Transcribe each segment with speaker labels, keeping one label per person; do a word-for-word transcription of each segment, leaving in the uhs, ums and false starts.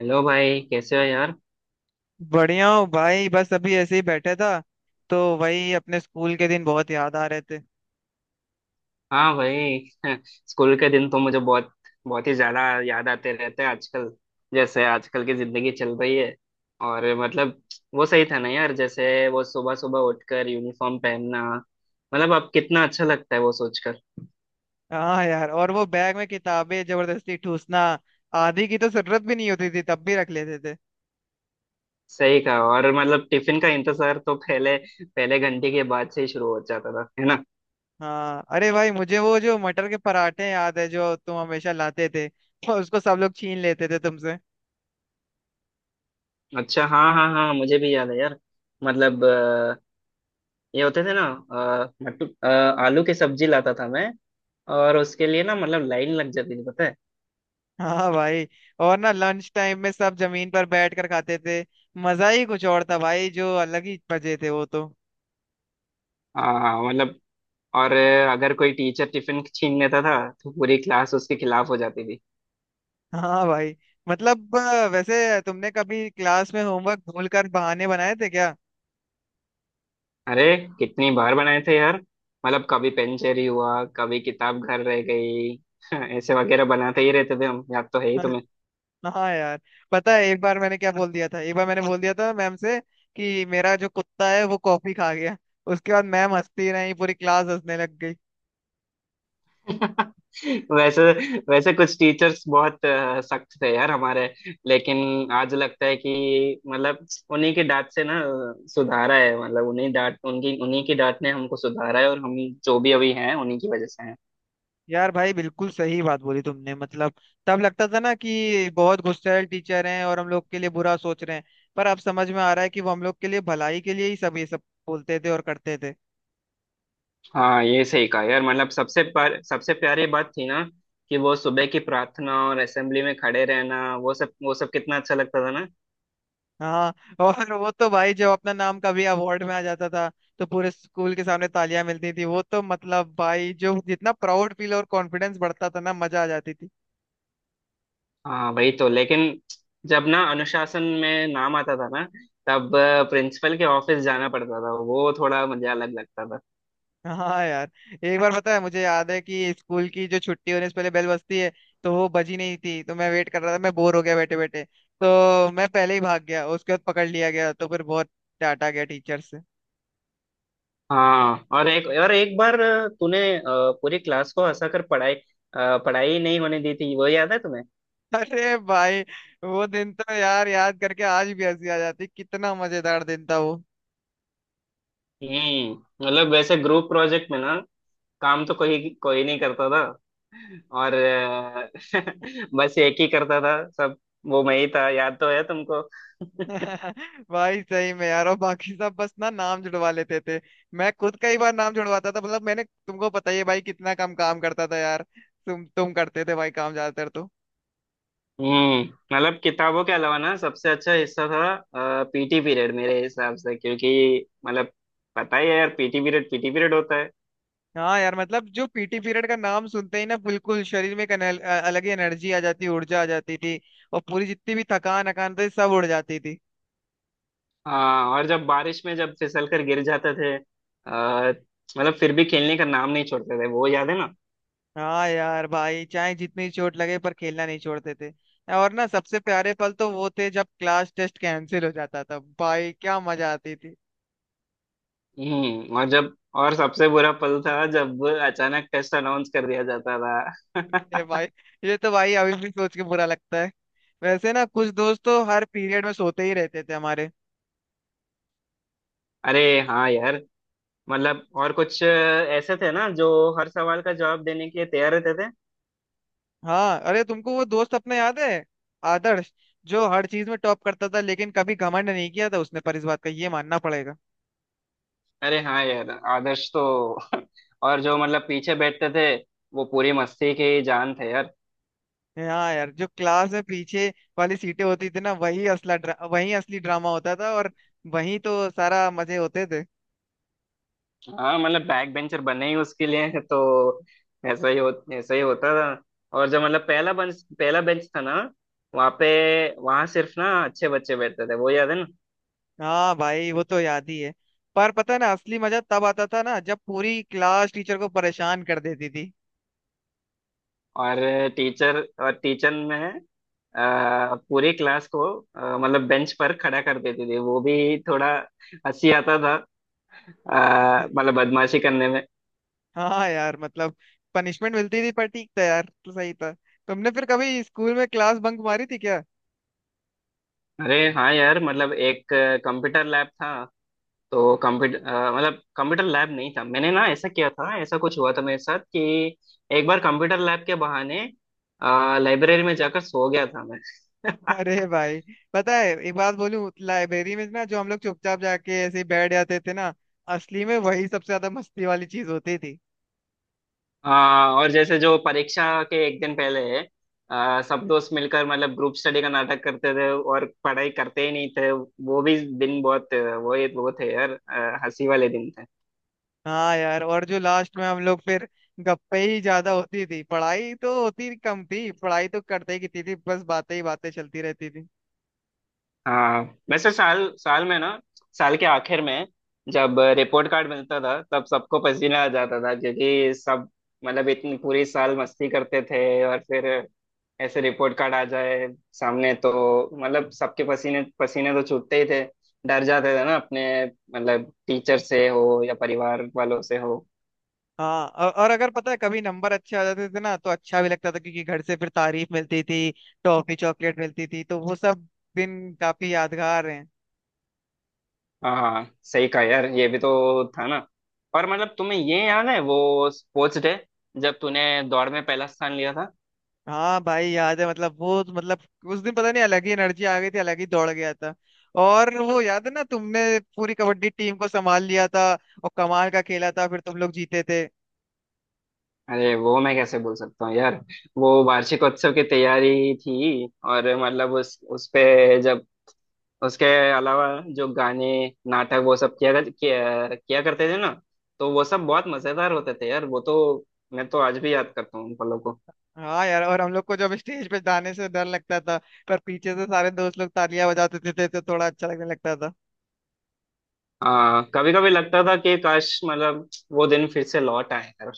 Speaker 1: Hello भाई कैसे हो यार।
Speaker 2: बढ़िया हूँ भाई, बस अभी ऐसे ही बैठा था। तो वही अपने स्कूल के दिन बहुत याद आ रहे थे।
Speaker 1: हाँ भाई। स्कूल के दिन तो मुझे बहुत बहुत ही ज्यादा याद आते रहते हैं आजकल। जैसे आजकल की जिंदगी चल रही है और मतलब वो सही था ना यार, जैसे वो सुबह सुबह उठकर यूनिफॉर्म पहनना। मतलब अब कितना अच्छा लगता है वो सोचकर।
Speaker 2: हाँ यार, और वो बैग में किताबें जबरदस्ती ठूसना। आधी की तो जरूरत भी नहीं होती थी, तब भी रख लेते थे।
Speaker 1: सही कहा, और मतलब टिफिन का इंतजार तो पहले पहले घंटे के बाद से ही शुरू हो जाता था, है ना।
Speaker 2: हाँ अरे भाई, मुझे वो जो मटर के पराठे याद है जो तुम हमेशा लाते थे, और उसको सब लोग छीन लेते थे तुमसे।
Speaker 1: अच्छा, हाँ हाँ हाँ, मुझे भी याद है यार। मतलब अ, ये होते थे ना, अ, मटू- अ, आलू की सब्जी लाता था मैं, और उसके लिए ना मतलब लाइन लग जाती थी, पता है।
Speaker 2: हाँ भाई, और ना लंच टाइम में सब जमीन पर बैठ कर खाते थे। मजा ही कुछ और था भाई, जो अलग ही मजे थे वो तो।
Speaker 1: हाँ मतलब, और अगर कोई टीचर टिफिन छीन लेता था तो पूरी क्लास उसके खिलाफ हो जाती थी।
Speaker 2: हाँ भाई, मतलब अ, वैसे तुमने कभी क्लास में होमवर्क भूल कर बहाने बनाए थे क्या?
Speaker 1: अरे कितनी बार बनाए थे यार। मतलब कभी पेन चोरी हुआ, कभी किताब घर रह गई, ऐसे वगैरह बनाते ही रहते थे हम, याद तो है ही।
Speaker 2: अरे, हाँ यार। पता है एक बार मैंने क्या बोल दिया था, एक बार मैंने बोल दिया था मैम से कि मेरा जो कुत्ता है वो कॉफी खा गया। उसके बाद मैम हंसती रही, पूरी क्लास हंसने लग गई।
Speaker 1: वैसे वैसे कुछ टीचर्स बहुत अ, सख्त थे यार हमारे, लेकिन आज लगता है कि मतलब उन्हीं की डांट से ना अ, सुधारा है। मतलब उन्हीं डांट उनकी उन्हीं की डांट ने हमको सुधारा है, और हम जो भी अभी हैं उन्हीं की वजह से हैं।
Speaker 2: यार भाई, बिल्कुल सही बात बोली तुमने। मतलब तब लगता था ना कि बहुत गुस्सैल टीचर हैं और हम लोग के लिए बुरा सोच रहे हैं, पर अब समझ में आ रहा है कि वो हम लोग के लिए भलाई के लिए ही सब ये सब बोलते थे और करते थे।
Speaker 1: हाँ ये सही कहा यार, मतलब सबसे प्यार, सबसे प्यारी बात थी ना, कि वो सुबह की प्रार्थना और असेंबली में खड़े रहना, वो सब वो सब कितना अच्छा लगता था ना।
Speaker 2: हाँ, और वो तो भाई जब अपना नाम कभी अवार्ड में आ जाता था तो पूरे स्कूल के सामने तालियां मिलती थी, वो तो मतलब भाई जो जितना प्राउड फील और कॉन्फिडेंस बढ़ता था ना, मजा आ जाती थी।
Speaker 1: हाँ वही तो, लेकिन जब ना अनुशासन में नाम आता था ना, तब प्रिंसिपल के ऑफिस जाना पड़ता था, वो थोड़ा मुझे अलग लगता था।
Speaker 2: हाँ यार, एक बार पता है, मुझे याद है कि स्कूल की जो छुट्टी होने से पहले बेल बजती है, तो वो बजी नहीं थी तो मैं वेट कर रहा था। मैं बोर हो गया बैठे बैठे तो मैं पहले ही भाग गया। उसके बाद पकड़ लिया गया, तो फिर बहुत डांटा गया टीचर से।
Speaker 1: हाँ, और एक और एक बार अ, तूने अ, पूरी क्लास को हंसा कर पढ़ाई अ, पढ़ाई नहीं होने दी थी, वो याद है तुम्हें।
Speaker 2: अरे भाई, वो दिन तो यार याद करके आज भी हंसी आ जाती, कितना मजेदार दिन था वो।
Speaker 1: हम्म। मतलब वैसे ग्रुप प्रोजेक्ट में ना, काम तो कोई कोई नहीं करता था, और अ, बस एक ही करता था सब, वो मैं ही था, याद तो है तुमको।
Speaker 2: भाई सही में यार, और बाकी सब बस ना नाम जुड़वा लेते थे। मैं खुद कई बार नाम जुड़वाता था, मतलब मैंने, तुमको पता ही है भाई, कितना कम काम करता था यार। तुम तुम करते थे भाई काम ज्यादातर तो।
Speaker 1: हम्म। मतलब किताबों के अलावा ना सबसे अच्छा हिस्सा था पीटी पीरियड मेरे हिसाब से, क्योंकि मतलब पता ही है यार, पीटी पीरियड पीटी पीरियड होता है।
Speaker 2: हाँ यार, मतलब जो पीटी पीरियड का नाम सुनते ही ना, बिल्कुल शरीर में एक अनल- अ- अलग ही एनर्जी आ जाती, ऊर्जा आ जाती थी। और पूरी जितनी भी थकान अकान थी सब उड़ जाती थी।
Speaker 1: हाँ, और जब बारिश में जब फिसल कर गिर जाते थे, आ, मतलब फिर भी खेलने का नाम नहीं छोड़ते थे, वो याद है ना।
Speaker 2: हाँ यार भाई, चाहे जितनी चोट लगे पर खेलना नहीं छोड़ते थे। और ना सबसे प्यारे पल तो वो थे जब क्लास टेस्ट कैंसिल हो जाता था, भाई क्या मजा आती थी।
Speaker 1: हम्म। और जब और सबसे बुरा पल था जब अचानक टेस्ट अनाउंस कर दिया जाता
Speaker 2: ये
Speaker 1: था।
Speaker 2: भाई, ये तो भाई अभी भी सोच के बुरा लगता है। वैसे ना कुछ दोस्त तो हर पीरियड में सोते ही रहते थे हमारे।
Speaker 1: अरे हाँ यार। मतलब और कुछ ऐसे थे ना जो हर सवाल का जवाब देने के लिए तैयार रहते थे।
Speaker 2: हाँ अरे, तुमको वो दोस्त अपना याद है? आदर्श, जो हर चीज में टॉप करता था, लेकिन कभी घमंड नहीं किया था उसने, पर इस बात का ये मानना पड़ेगा।
Speaker 1: अरे हाँ यार आदर्श तो। और जो मतलब पीछे बैठते थे वो पूरी मस्ती के ही जान थे यार।
Speaker 2: हाँ यार, जो क्लास में पीछे वाली सीटें होती थी ना, वही असला ड्रा, वही असली ड्रामा होता था, और वही तो सारा मजे होते थे।
Speaker 1: हाँ मतलब बैक बेंचर बने ही उसके लिए तो। ऐसा ही हो ऐसा ही होता था। और जो मतलब पहला बेंच पहला बेंच था ना, वहाँ पे वहाँ सिर्फ ना अच्छे बच्चे बैठते थे, वो याद है ना।
Speaker 2: हाँ भाई, वो तो याद ही है। पर पता है ना, असली मजा तब आता था ना जब पूरी क्लास टीचर को परेशान कर देती थी।
Speaker 1: और टीचर और टीचर में अ, पूरी क्लास को अ, मतलब बेंच पर खड़ा कर देती थी, वो भी थोड़ा हंसी आता था, अ, मतलब बदमाशी करने में।
Speaker 2: हाँ यार, मतलब पनिशमेंट मिलती थी पर ठीक था यार, तो सही था। तुमने फिर कभी स्कूल में क्लास बंक मारी थी क्या?
Speaker 1: अरे हाँ यार। मतलब एक कंप्यूटर लैब था, तो कंप्यूटर मतलब कंप्यूटर लैब नहीं था मैंने ना ऐसा किया था, ऐसा कुछ हुआ था मेरे साथ कि एक बार कंप्यूटर लैब के बहाने लाइब्रेरी में जाकर सो गया था मैं।
Speaker 2: अरे भाई, पता है एक बात बोलूं, लाइब्रेरी में ना जो हम लोग चुपचाप जाके ऐसे ही बैठ जाते थे ना, असली में वही सबसे ज्यादा मस्ती वाली चीज होती थी।
Speaker 1: आ, और जैसे जो परीक्षा के एक दिन पहले आ, सब दोस्त मिलकर मतलब ग्रुप स्टडी का नाटक करते थे और पढ़ाई करते ही नहीं थे, वो भी दिन बहुत वो वो थे यार, आ, हंसी वाले दिन थे।
Speaker 2: हाँ यार, और जो लास्ट में हम लोग फिर गप्पे ही ज्यादा होती थी, पढ़ाई तो होती कम थी। पढ़ाई तो करते ही कितनी थी, बस बातें ही बातें चलती रहती थी।
Speaker 1: हाँ। वैसे साल साल में ना साल के आखिर में जब रिपोर्ट कार्ड मिलता था तब सबको पसीना आ जाता था, क्योंकि सब मतलब इतनी पूरी साल मस्ती करते थे और फिर ऐसे रिपोर्ट कार्ड आ जाए सामने तो मतलब सबके पसीने पसीने तो छूटते ही थे। डर जाते थे ना अपने, मतलब टीचर से हो या परिवार वालों से हो।
Speaker 2: हाँ, औ- और अगर पता है कभी नंबर अच्छे आ जाते थे ना, तो अच्छा भी लगता था क्योंकि घर से फिर तारीफ मिलती थी, टॉफी चॉकलेट मिलती थी। तो वो सब दिन काफी यादगार हैं।
Speaker 1: हाँ हाँ, सही कहा यार, ये भी तो था ना। और मतलब तुम्हें ये याद है वो स्पोर्ट्स डे जब तूने दौड़ में पहला स्थान लिया था।
Speaker 2: हाँ भाई, याद है। मतलब वो, मतलब उस दिन पता नहीं अलग ही एनर्जी आ गई थी, अलग ही दौड़ गया था। और वो याद है ना, तुमने पूरी कबड्डी टीम को संभाल लिया था और कमाल का खेला था, फिर तुम लोग जीते थे।
Speaker 1: अरे वो मैं कैसे बोल सकता हूँ यार, वो वार्षिकोत्सव की तैयारी थी। और मतलब उस उस पे जब उसके अलावा जो गाने, नाटक वो सब किया कर, किया, किया करते थे ना, तो वो सब बहुत मजेदार होते थे यार वो तो। मैं तो आज भी याद करता हूँ उन पलों को।
Speaker 2: हाँ यार, और हम लोग को जब स्टेज पे जाने से डर लगता था, पर पीछे से सारे दोस्त लोग तालियां बजाते थे, तो थोड़ा अच्छा लगने लगता था।
Speaker 1: आ, कभी कभी लगता था कि काश मतलब वो दिन फिर से लौट आए यार।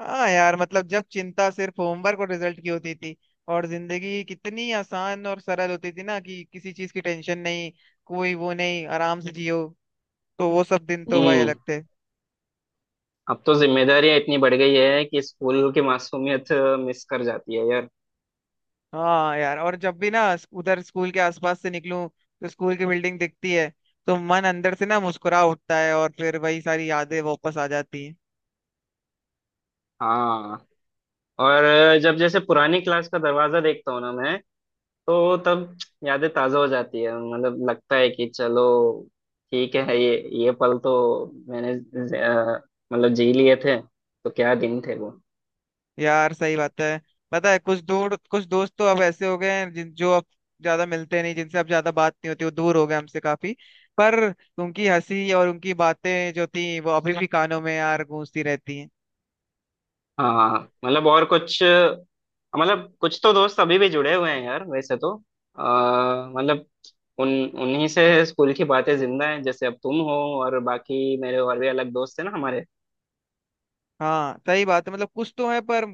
Speaker 2: हाँ यार, मतलब जब चिंता सिर्फ होमवर्क और रिजल्ट की होती थी, और जिंदगी कितनी आसान और सरल होती थी ना, कि किसी चीज की टेंशन नहीं, कोई वो नहीं, आराम से जियो। तो वो सब दिन तो भाई
Speaker 1: हम्म।
Speaker 2: अलग थे।
Speaker 1: अब तो जिम्मेदारियां इतनी बढ़ गई है कि स्कूल की मासूमियत मिस कर जाती है यार।
Speaker 2: हाँ यार, और जब भी ना स- उधर स्कूल के आसपास से निकलूं, तो स्कूल की बिल्डिंग दिखती है तो मन अंदर से ना मुस्कुरा उठता है, और फिर वही सारी यादें वापस आ जाती हैं।
Speaker 1: हाँ, और जब जैसे पुरानी क्लास का दरवाजा देखता हूँ ना मैं, तो तब यादें ताजा हो जाती है। मतलब लगता है कि चलो ठीक है, ये ये पल तो मैंने अ, मतलब जी लिए थे, तो क्या दिन थे वो।
Speaker 2: यार सही बात है। पता है कुछ दूर, कुछ दोस्त तो अब ऐसे हो गए हैं जिन जो अब ज्यादा मिलते नहीं, जिनसे अब ज्यादा बात नहीं होती, वो दूर हो गए हमसे काफी। पर उनकी हंसी और उनकी बातें जो थी, वो अभी भी कानों में यार गूंजती रहती हैं।
Speaker 1: हाँ मतलब, और कुछ मतलब कुछ तो दोस्त अभी भी जुड़े हुए हैं यार वैसे तो। आ, मतलब उन उन्हीं से स्कूल की बातें जिंदा हैं, जैसे अब तुम हो, और बाकी मेरे और भी अलग दोस्त हैं ना हमारे।
Speaker 2: हाँ सही बात है, मतलब कुछ तो है, पर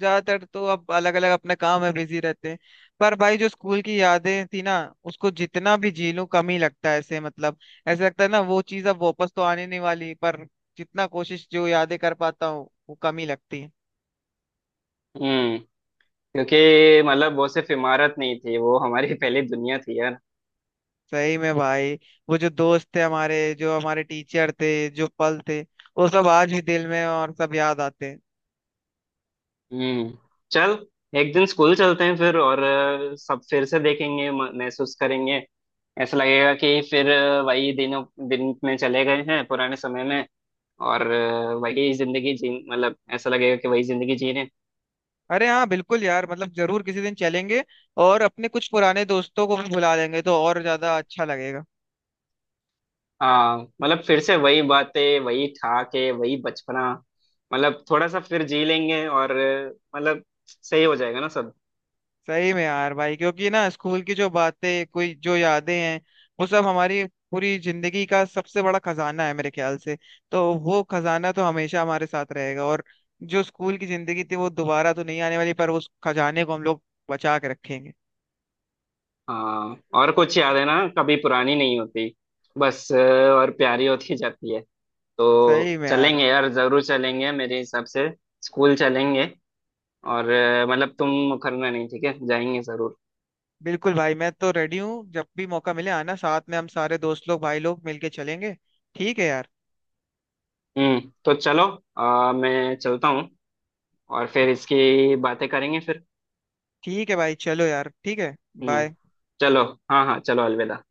Speaker 2: ज्यादातर तो अब अलग अलग अपने काम में बिजी रहते हैं। पर भाई, जो स्कूल की यादें थी ना, उसको जितना भी जी लूं कम ही लगता है। ऐसे मतलब, ऐसे लगता है ना वो चीज अब वापस तो आने नहीं वाली, पर जितना कोशिश, जो यादें कर पाता हूँ, वो कम ही लगती है।
Speaker 1: हम्म। क्योंकि मतलब वो सिर्फ इमारत नहीं थी, वो हमारी पहली दुनिया थी यार।
Speaker 2: सही में भाई, वो जो दोस्त थे हमारे, जो हमारे टीचर थे, जो पल थे, वो सब आज भी दिल में, और सब याद आते हैं।
Speaker 1: हम्म। चल एक दिन स्कूल चलते हैं फिर, और अ, सब फिर से देखेंगे, म- महसूस करेंगे। ऐसा लगेगा कि फिर अ, वही दिनों दिन में चले गए हैं पुराने समय में, और अ, वही जिंदगी जी मतलब ऐसा लगेगा कि वही जिंदगी जी रहे हैं।
Speaker 2: अरे हाँ, बिल्कुल यार, मतलब जरूर किसी दिन चलेंगे। और अपने कुछ पुराने दोस्तों को भी बुला लेंगे, तो और ज्यादा अच्छा लगेगा।
Speaker 1: हाँ मतलब फिर से वही बातें, वही ठहाके, वही बचपना, मतलब थोड़ा सा फिर जी लेंगे, और अ, मतलब सही हो जाएगा ना सब।
Speaker 2: सही में यार भाई, क्योंकि ना स्कूल की जो बातें, कोई जो यादें हैं, वो सब हमारी पूरी जिंदगी का सबसे बड़ा खजाना है मेरे ख्याल से। तो वो खजाना तो हमेशा हमारे साथ रहेगा। और जो स्कूल की जिंदगी थी वो दोबारा तो नहीं आने वाली, पर उस खजाने को हम लोग बचा के रखेंगे।
Speaker 1: हाँ, और कुछ यादें ना कभी पुरानी नहीं होती, बस अ, और प्यारी होती जाती है। तो
Speaker 2: सही में यार।
Speaker 1: चलेंगे यार, जरूर चलेंगे मेरे हिसाब से। स्कूल चलेंगे, और अ, मतलब तुम मुकरना नहीं, ठीक है, जाएंगे जरूर।
Speaker 2: बिल्कुल भाई, मैं तो रेडी हूँ, जब भी मौका मिले आना, साथ में हम सारे दोस्त लोग, भाई लोग मिलके चलेंगे। ठीक है यार।
Speaker 1: हम्म, तो चलो, अ, मैं चलता हूँ, और फिर इसकी बातें करेंगे फिर।
Speaker 2: ठीक है भाई, चलो यार, ठीक है।
Speaker 1: हम्म,
Speaker 2: बाय।
Speaker 1: चलो, हाँ हाँ, चलो अलविदा।